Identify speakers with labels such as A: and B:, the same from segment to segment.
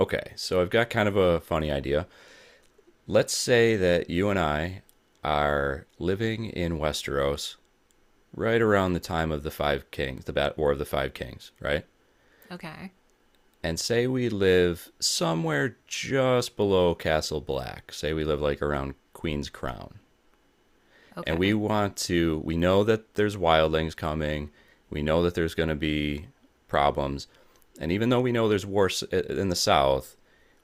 A: Okay, so I've got kind of a funny idea. Let's say that you and I are living in Westeros right around the time of the Five Kings, the War of the Five Kings, right?
B: Okay.
A: And say we live somewhere just below Castle Black. Say we live like around Queen's Crown. And we
B: Okay.
A: want to we know that there's wildlings coming, we know that there's going to be problems, and even though we know there's war in the south,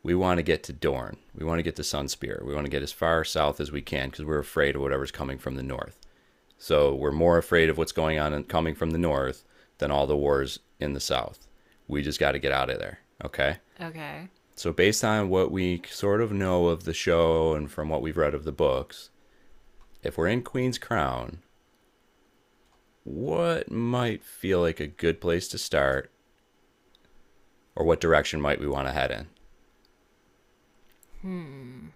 A: we want to get to Dorne. We want to get to Sunspear. We want to get as far south as we can because we're afraid of whatever's coming from the north. So we're more afraid of what's going on and coming from the north than all the wars in the south. We just got to get out of there, okay?
B: Okay.
A: So based on what we sort of know of the show and from what we've read of the books, if we're in Queen's Crown, what might feel like a good place to start, or what direction might we want to head in?
B: Hmm.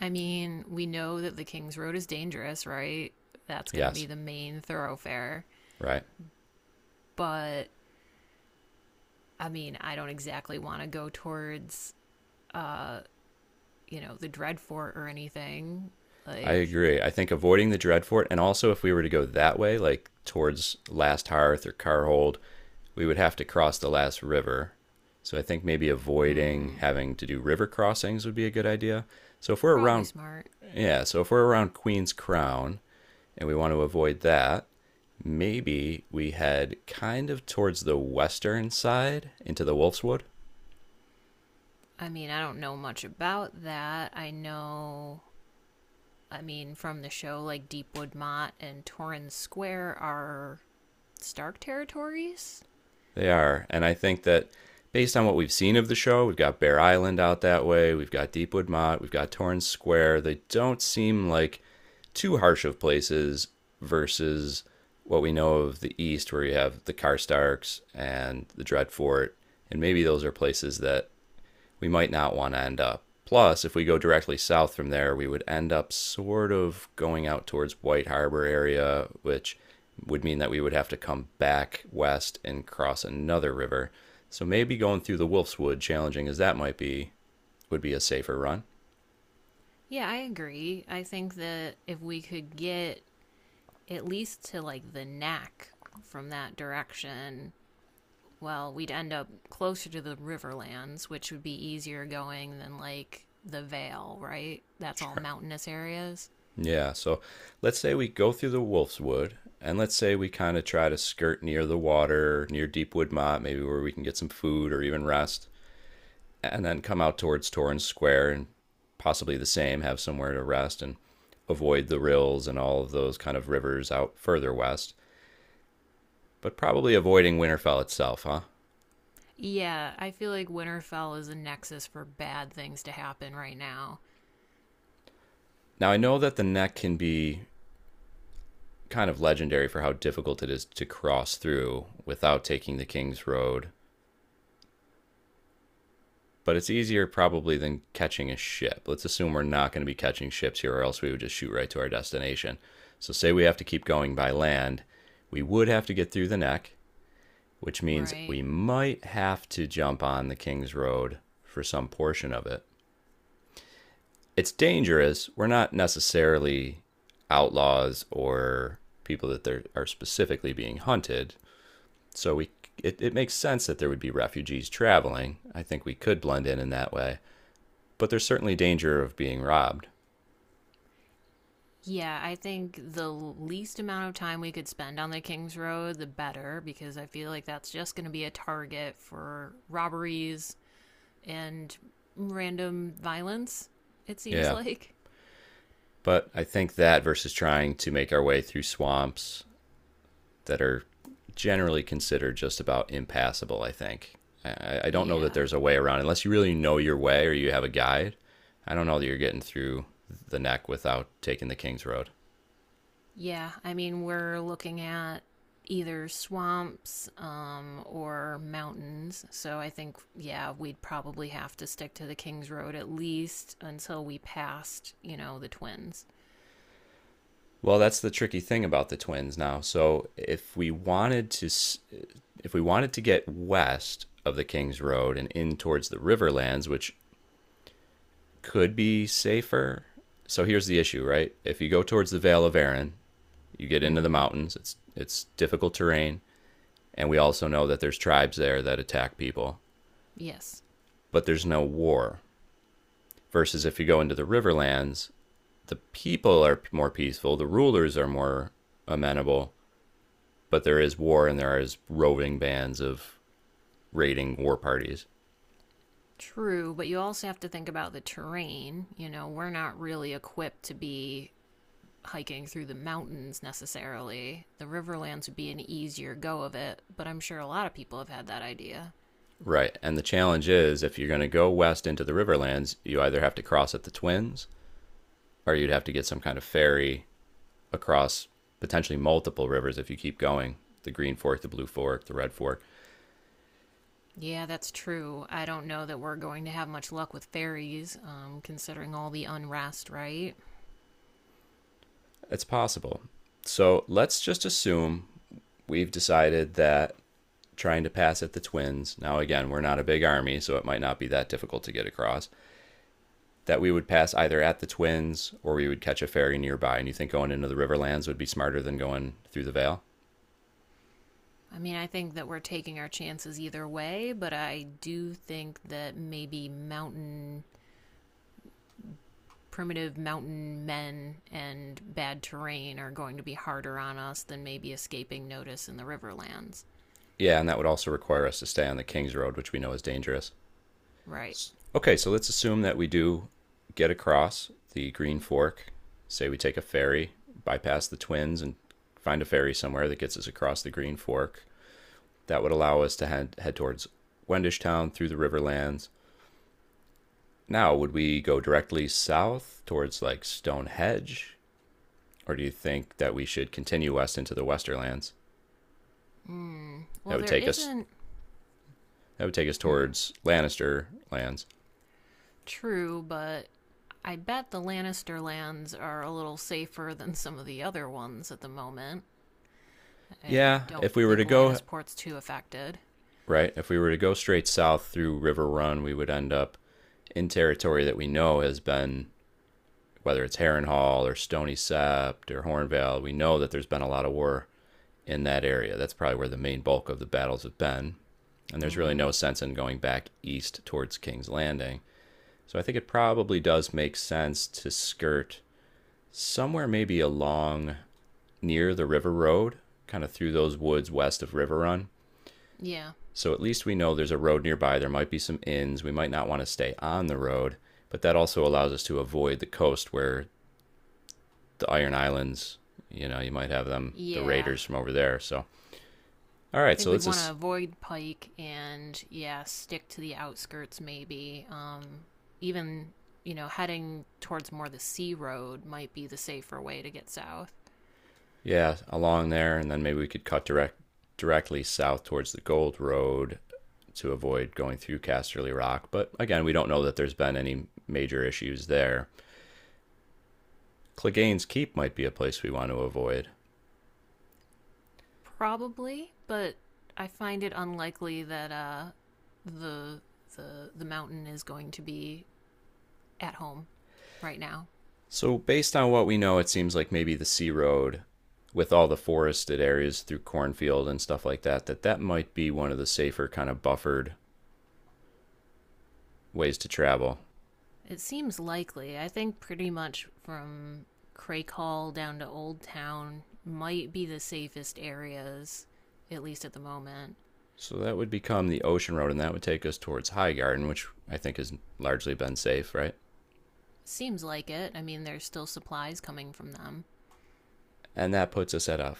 B: I mean, we know that the King's Road is dangerous, right? That's going to
A: Yes,
B: be the main thoroughfare.
A: right.
B: But I mean, I don't exactly want to go towards, uh, you know, the Dreadfort or anything.
A: I
B: Like,
A: agree. I think avoiding the Dreadfort, and also if we were to go that way, like towards Last Hearth or Carhold, we would have to cross the last river. So I think maybe avoiding
B: mm,
A: having to do river crossings would be a good idea. So if we're
B: probably
A: around,
B: smart.
A: Yeah, so if we're around Queen's Crown and we want to avoid that, maybe we head kind of towards the western side into the Wolf's Wood.
B: I mean, I don't know much about that. I know, I mean, from the show, like Deepwood Mott and Torrens Square are Stark territories.
A: They are. And I think that based on what we've seen of the show, we've got Bear Island out that way, we've got Deepwood Mott, we've got Torrance Square. They don't seem like too harsh of places versus what we know of the East, where you have the Karstarks and the Dreadfort. And maybe those are places that we might not want to end up. Plus, if we go directly south from there, we would end up sort of going out towards White Harbor area, which would mean that we would have to come back west and cross another river. So maybe going through the Wolf's Wood, challenging as that might be, would be a safer run.
B: Yeah, I agree. I think that if we could get at least to like the neck from that direction, well, we'd end up closer to the Riverlands, which would be easier going than like the Vale, right? That's all
A: Sure.
B: mountainous areas.
A: Yeah, so let's say we go through the Wolf's Wood, and let's say we kind of try to skirt near the water, near Deepwood Mott, maybe where we can get some food or even rest, and then come out towards Torrance Square and possibly the same, have somewhere to rest and avoid the rills and all of those kind of rivers out further west, but probably avoiding Winterfell itself, huh?
B: Yeah, I feel like Winterfell is a nexus for bad things to happen right now,
A: Now, I know that the neck can be kind of legendary for how difficult it is to cross through without taking the King's Road, but it's easier probably than catching a ship. Let's assume we're not going to be catching ships here, or else we would just shoot right to our destination. So, say we have to keep going by land, we would have to get through the neck, which means
B: right?
A: we might have to jump on the King's Road for some portion of it. It's dangerous. We're not necessarily outlaws or people that are specifically being hunted. So we, it makes sense that there would be refugees traveling. I think we could blend in that way. But there's certainly danger of being robbed.
B: Yeah, I think the least amount of time we could spend on the King's Road, the better, because I feel like that's just going to be a target for robberies and random violence, it seems
A: Yeah.
B: like.
A: But I think that versus trying to make our way through swamps that are generally considered just about impassable. I think I don't know that
B: Yeah.
A: there's a way around unless you really know your way or you have a guide. I don't know that you're getting through the neck without taking the King's Road.
B: Yeah, I mean, we're looking at either swamps or mountains. So I think, yeah, we'd probably have to stick to the King's Road at least until we passed, you know, the twins.
A: Well, that's the tricky thing about the Twins now. If we wanted to get west of the King's Road and in towards the Riverlands, which could be safer. So here's the issue, right? If you go towards the Vale of Arran, you get
B: Mm
A: into the
B: hmm.
A: mountains. It's difficult terrain. And we also know that there's tribes there that attack people,
B: Yes.
A: but there's no war. Versus if you go into the Riverlands, the people are more peaceful, the rulers are more amenable, but there is war and there is roving bands of raiding war parties.
B: True, but you also have to think about the terrain. You know, we're not really equipped to be hiking through the mountains necessarily. The Riverlands would be an easier go of it, but I'm sure a lot of people have had that idea.
A: Right. And the challenge is if you're going to go west into the Riverlands, you either have to cross at the Twins or you'd have to get some kind of ferry across potentially multiple rivers if you keep going: the Green Fork, the Blue Fork, the Red Fork.
B: Yeah, that's true. I don't know that we're going to have much luck with ferries, considering all the unrest, right?
A: It's possible. So let's just assume we've decided that trying to pass at the Twins, now again, we're not a big army, so it might not be that difficult to get across, that we would pass either at the Twins or we would catch a ferry nearby. And you think going into the Riverlands would be smarter than going through the Vale?
B: I mean, I think that we're taking our chances either way, but I do think that maybe mountain primitive mountain men and bad terrain are going to be harder on us than maybe escaping notice in the riverlands.
A: Yeah, and that would also require us to stay on the King's Road, which we know is dangerous.
B: Right.
A: Okay, so let's assume that we do get across the Green Fork. Say we take a ferry, bypass the Twins, and find a ferry somewhere that gets us across the Green Fork. That would allow us to head towards Wendishtown through the Riverlands. Now, would we go directly south towards like Stonehenge, or do you think that we should continue west into the Westerlands?
B: Hmm.
A: That
B: Well,
A: would
B: there
A: take us.
B: isn't
A: That would take us towards Lannister lands.
B: true, but I bet the Lannister lands are a little safer than some of the other ones at the moment. I
A: Yeah,
B: don't
A: if we were to
B: think
A: go
B: Lannisport's too affected.
A: right? If we were to go straight south through River Run, we would end up in territory that we know has been, whether it's Harrenhal or Stony Sept or Hornvale, we know that there's been a lot of war in that area. That's probably where the main bulk of the battles have been. And there's
B: Mm
A: really
B: hmm.
A: no sense in going back east towards King's Landing. So I think it probably does make sense to skirt somewhere maybe along near the river road, kind of through those woods west of River Run.
B: Yeah.
A: So at least we know there's a road nearby. There might be some inns. We might not want to stay on the road, but that also allows us to avoid the coast where the Iron Islands, you might have them, the
B: Yeah,
A: raiders from over there. So, all
B: I
A: right,
B: think
A: so
B: we'd
A: let's
B: want to
A: just,
B: avoid Pike and yeah, stick to the outskirts maybe. Even you know, heading towards more the sea road might be the safer way to get south,
A: yeah, along there, and then maybe we could cut directly south towards the Gold Road to avoid going through Casterly Rock. But again, we don't know that there's been any major issues there. Clegane's Keep might be a place we want to avoid.
B: probably. But I find it unlikely that the the mountain is going to be at home right now.
A: So, based on what we know, it seems like maybe the Sea Road, with all the forested areas through cornfield and stuff like that, that might be one of the safer kind of buffered ways to travel.
B: It seems likely. I think pretty much from Crake Hall down to Old Town might be the safest areas, at least at the moment.
A: So that would become the Ocean Road, and that would take us towards High Garden, which I think has largely been safe, right?
B: Seems like it. I mean, there's still supplies coming from them.
A: And that puts us at a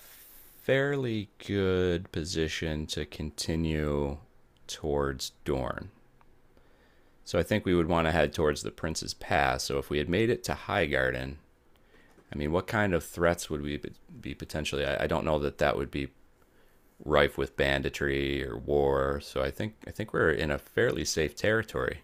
A: fairly good position to continue towards Dorne. So I think we would want to head towards the Prince's Pass. So if we had made it to High Garden, I mean, what kind of threats would we be potentially? I don't know that that would be rife with banditry or war. So I think we're in a fairly safe territory.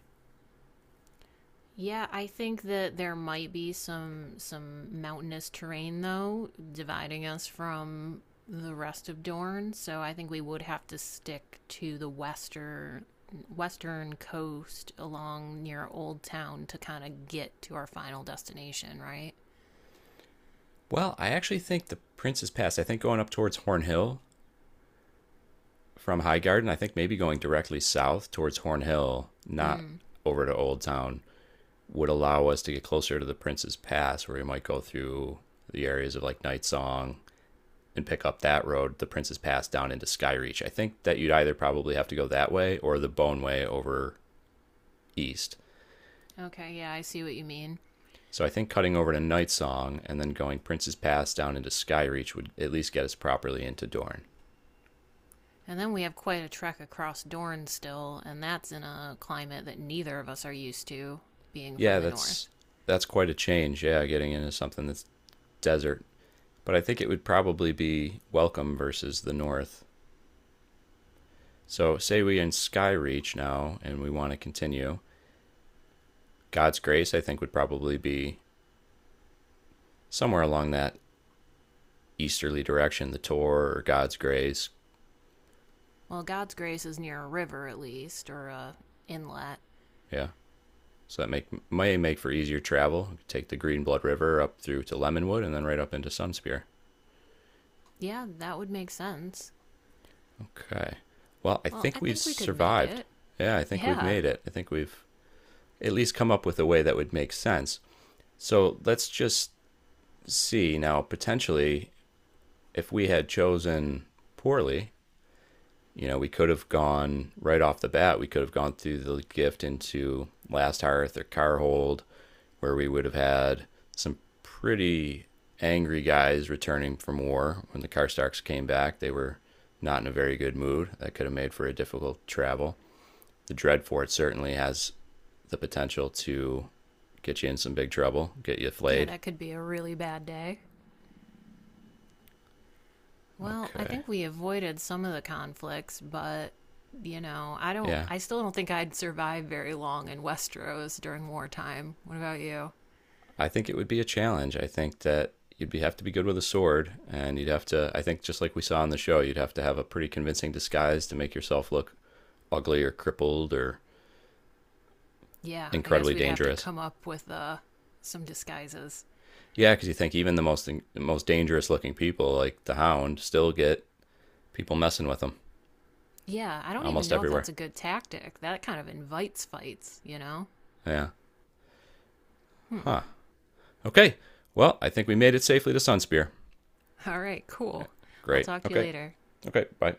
B: Yeah, I think that there might be some mountainous terrain though dividing us from the rest of Dorne, so I think we would have to stick to the western coast along near Old Town to kind of get to our final destination, right?
A: Well, I actually think the Prince's Pass. I think going up towards Horn Hill from High Garden. I think maybe going directly south towards Horn Hill, not
B: Mm.
A: over to Old Town, would allow us to get closer to the Prince's Pass, where we might go through the areas of like Night Song and pick up that road, the Prince's Pass down into Skyreach. I think that you'd either probably have to go that way or the Bone Way over east.
B: Okay, yeah, I see what you mean.
A: So I think cutting over to Night Song and then going Prince's Pass down into Skyreach would at least get us properly into Dorne.
B: And then we have quite a trek across Dorne still, and that's in a climate that neither of us are used to, being from
A: Yeah,
B: the north.
A: that's quite a change. Yeah, getting into something that's desert. But I think it would probably be welcome versus the North. So say we are in Skyreach now and we want to continue. God's Grace I think would probably be somewhere along that easterly direction, the Tor or God's Grace.
B: Well, God's grace is near a river at least, or a inlet.
A: Yeah. So that make may make for easier travel. You could take the Green Blood River up through to Lemonwood and then right up into Sunspear.
B: Yeah, that would make sense.
A: Okay. Well, I
B: Well,
A: think
B: I
A: we've
B: think we could make
A: survived.
B: it.
A: Yeah, I think we've
B: Yeah.
A: made it. I think we've at least come up with a way that would make sense. So let's just see now potentially if we had chosen poorly. You know, we could have gone right off the bat. We could have gone through the gift into Last Hearth or Carhold, where we would have had some pretty angry guys returning from war. When the Karstarks came back, they were not in a very good mood. That could have made for a difficult travel. The Dreadfort certainly has the potential to get you in some big trouble, get you
B: Yeah,
A: flayed.
B: that could be a really bad day. Well, I
A: Okay.
B: think we avoided some of the conflicts, but you know, I don't
A: Yeah.
B: I still don't think I'd survive very long in Westeros during wartime. What about you?
A: I think it would be a challenge. I think that you'd be, have to be good with a sword, and you'd have to. I think just like we saw on the show, you'd have to have a pretty convincing disguise to make yourself look ugly or crippled or
B: Yeah, I guess
A: incredibly
B: we'd have to
A: dangerous.
B: come up with some disguises.
A: Yeah, because you think even the most dangerous looking people, like the Hound, still get people messing with them
B: Yeah, I don't even
A: almost
B: know if
A: everywhere.
B: that's a good tactic. That kind of invites fights, you know?
A: Yeah.
B: Hmm.
A: Huh. Okay. Well, I think we made it safely to Sunspear.
B: All right, cool. I'll
A: Great.
B: talk to you
A: Okay.
B: later.
A: Okay. Bye.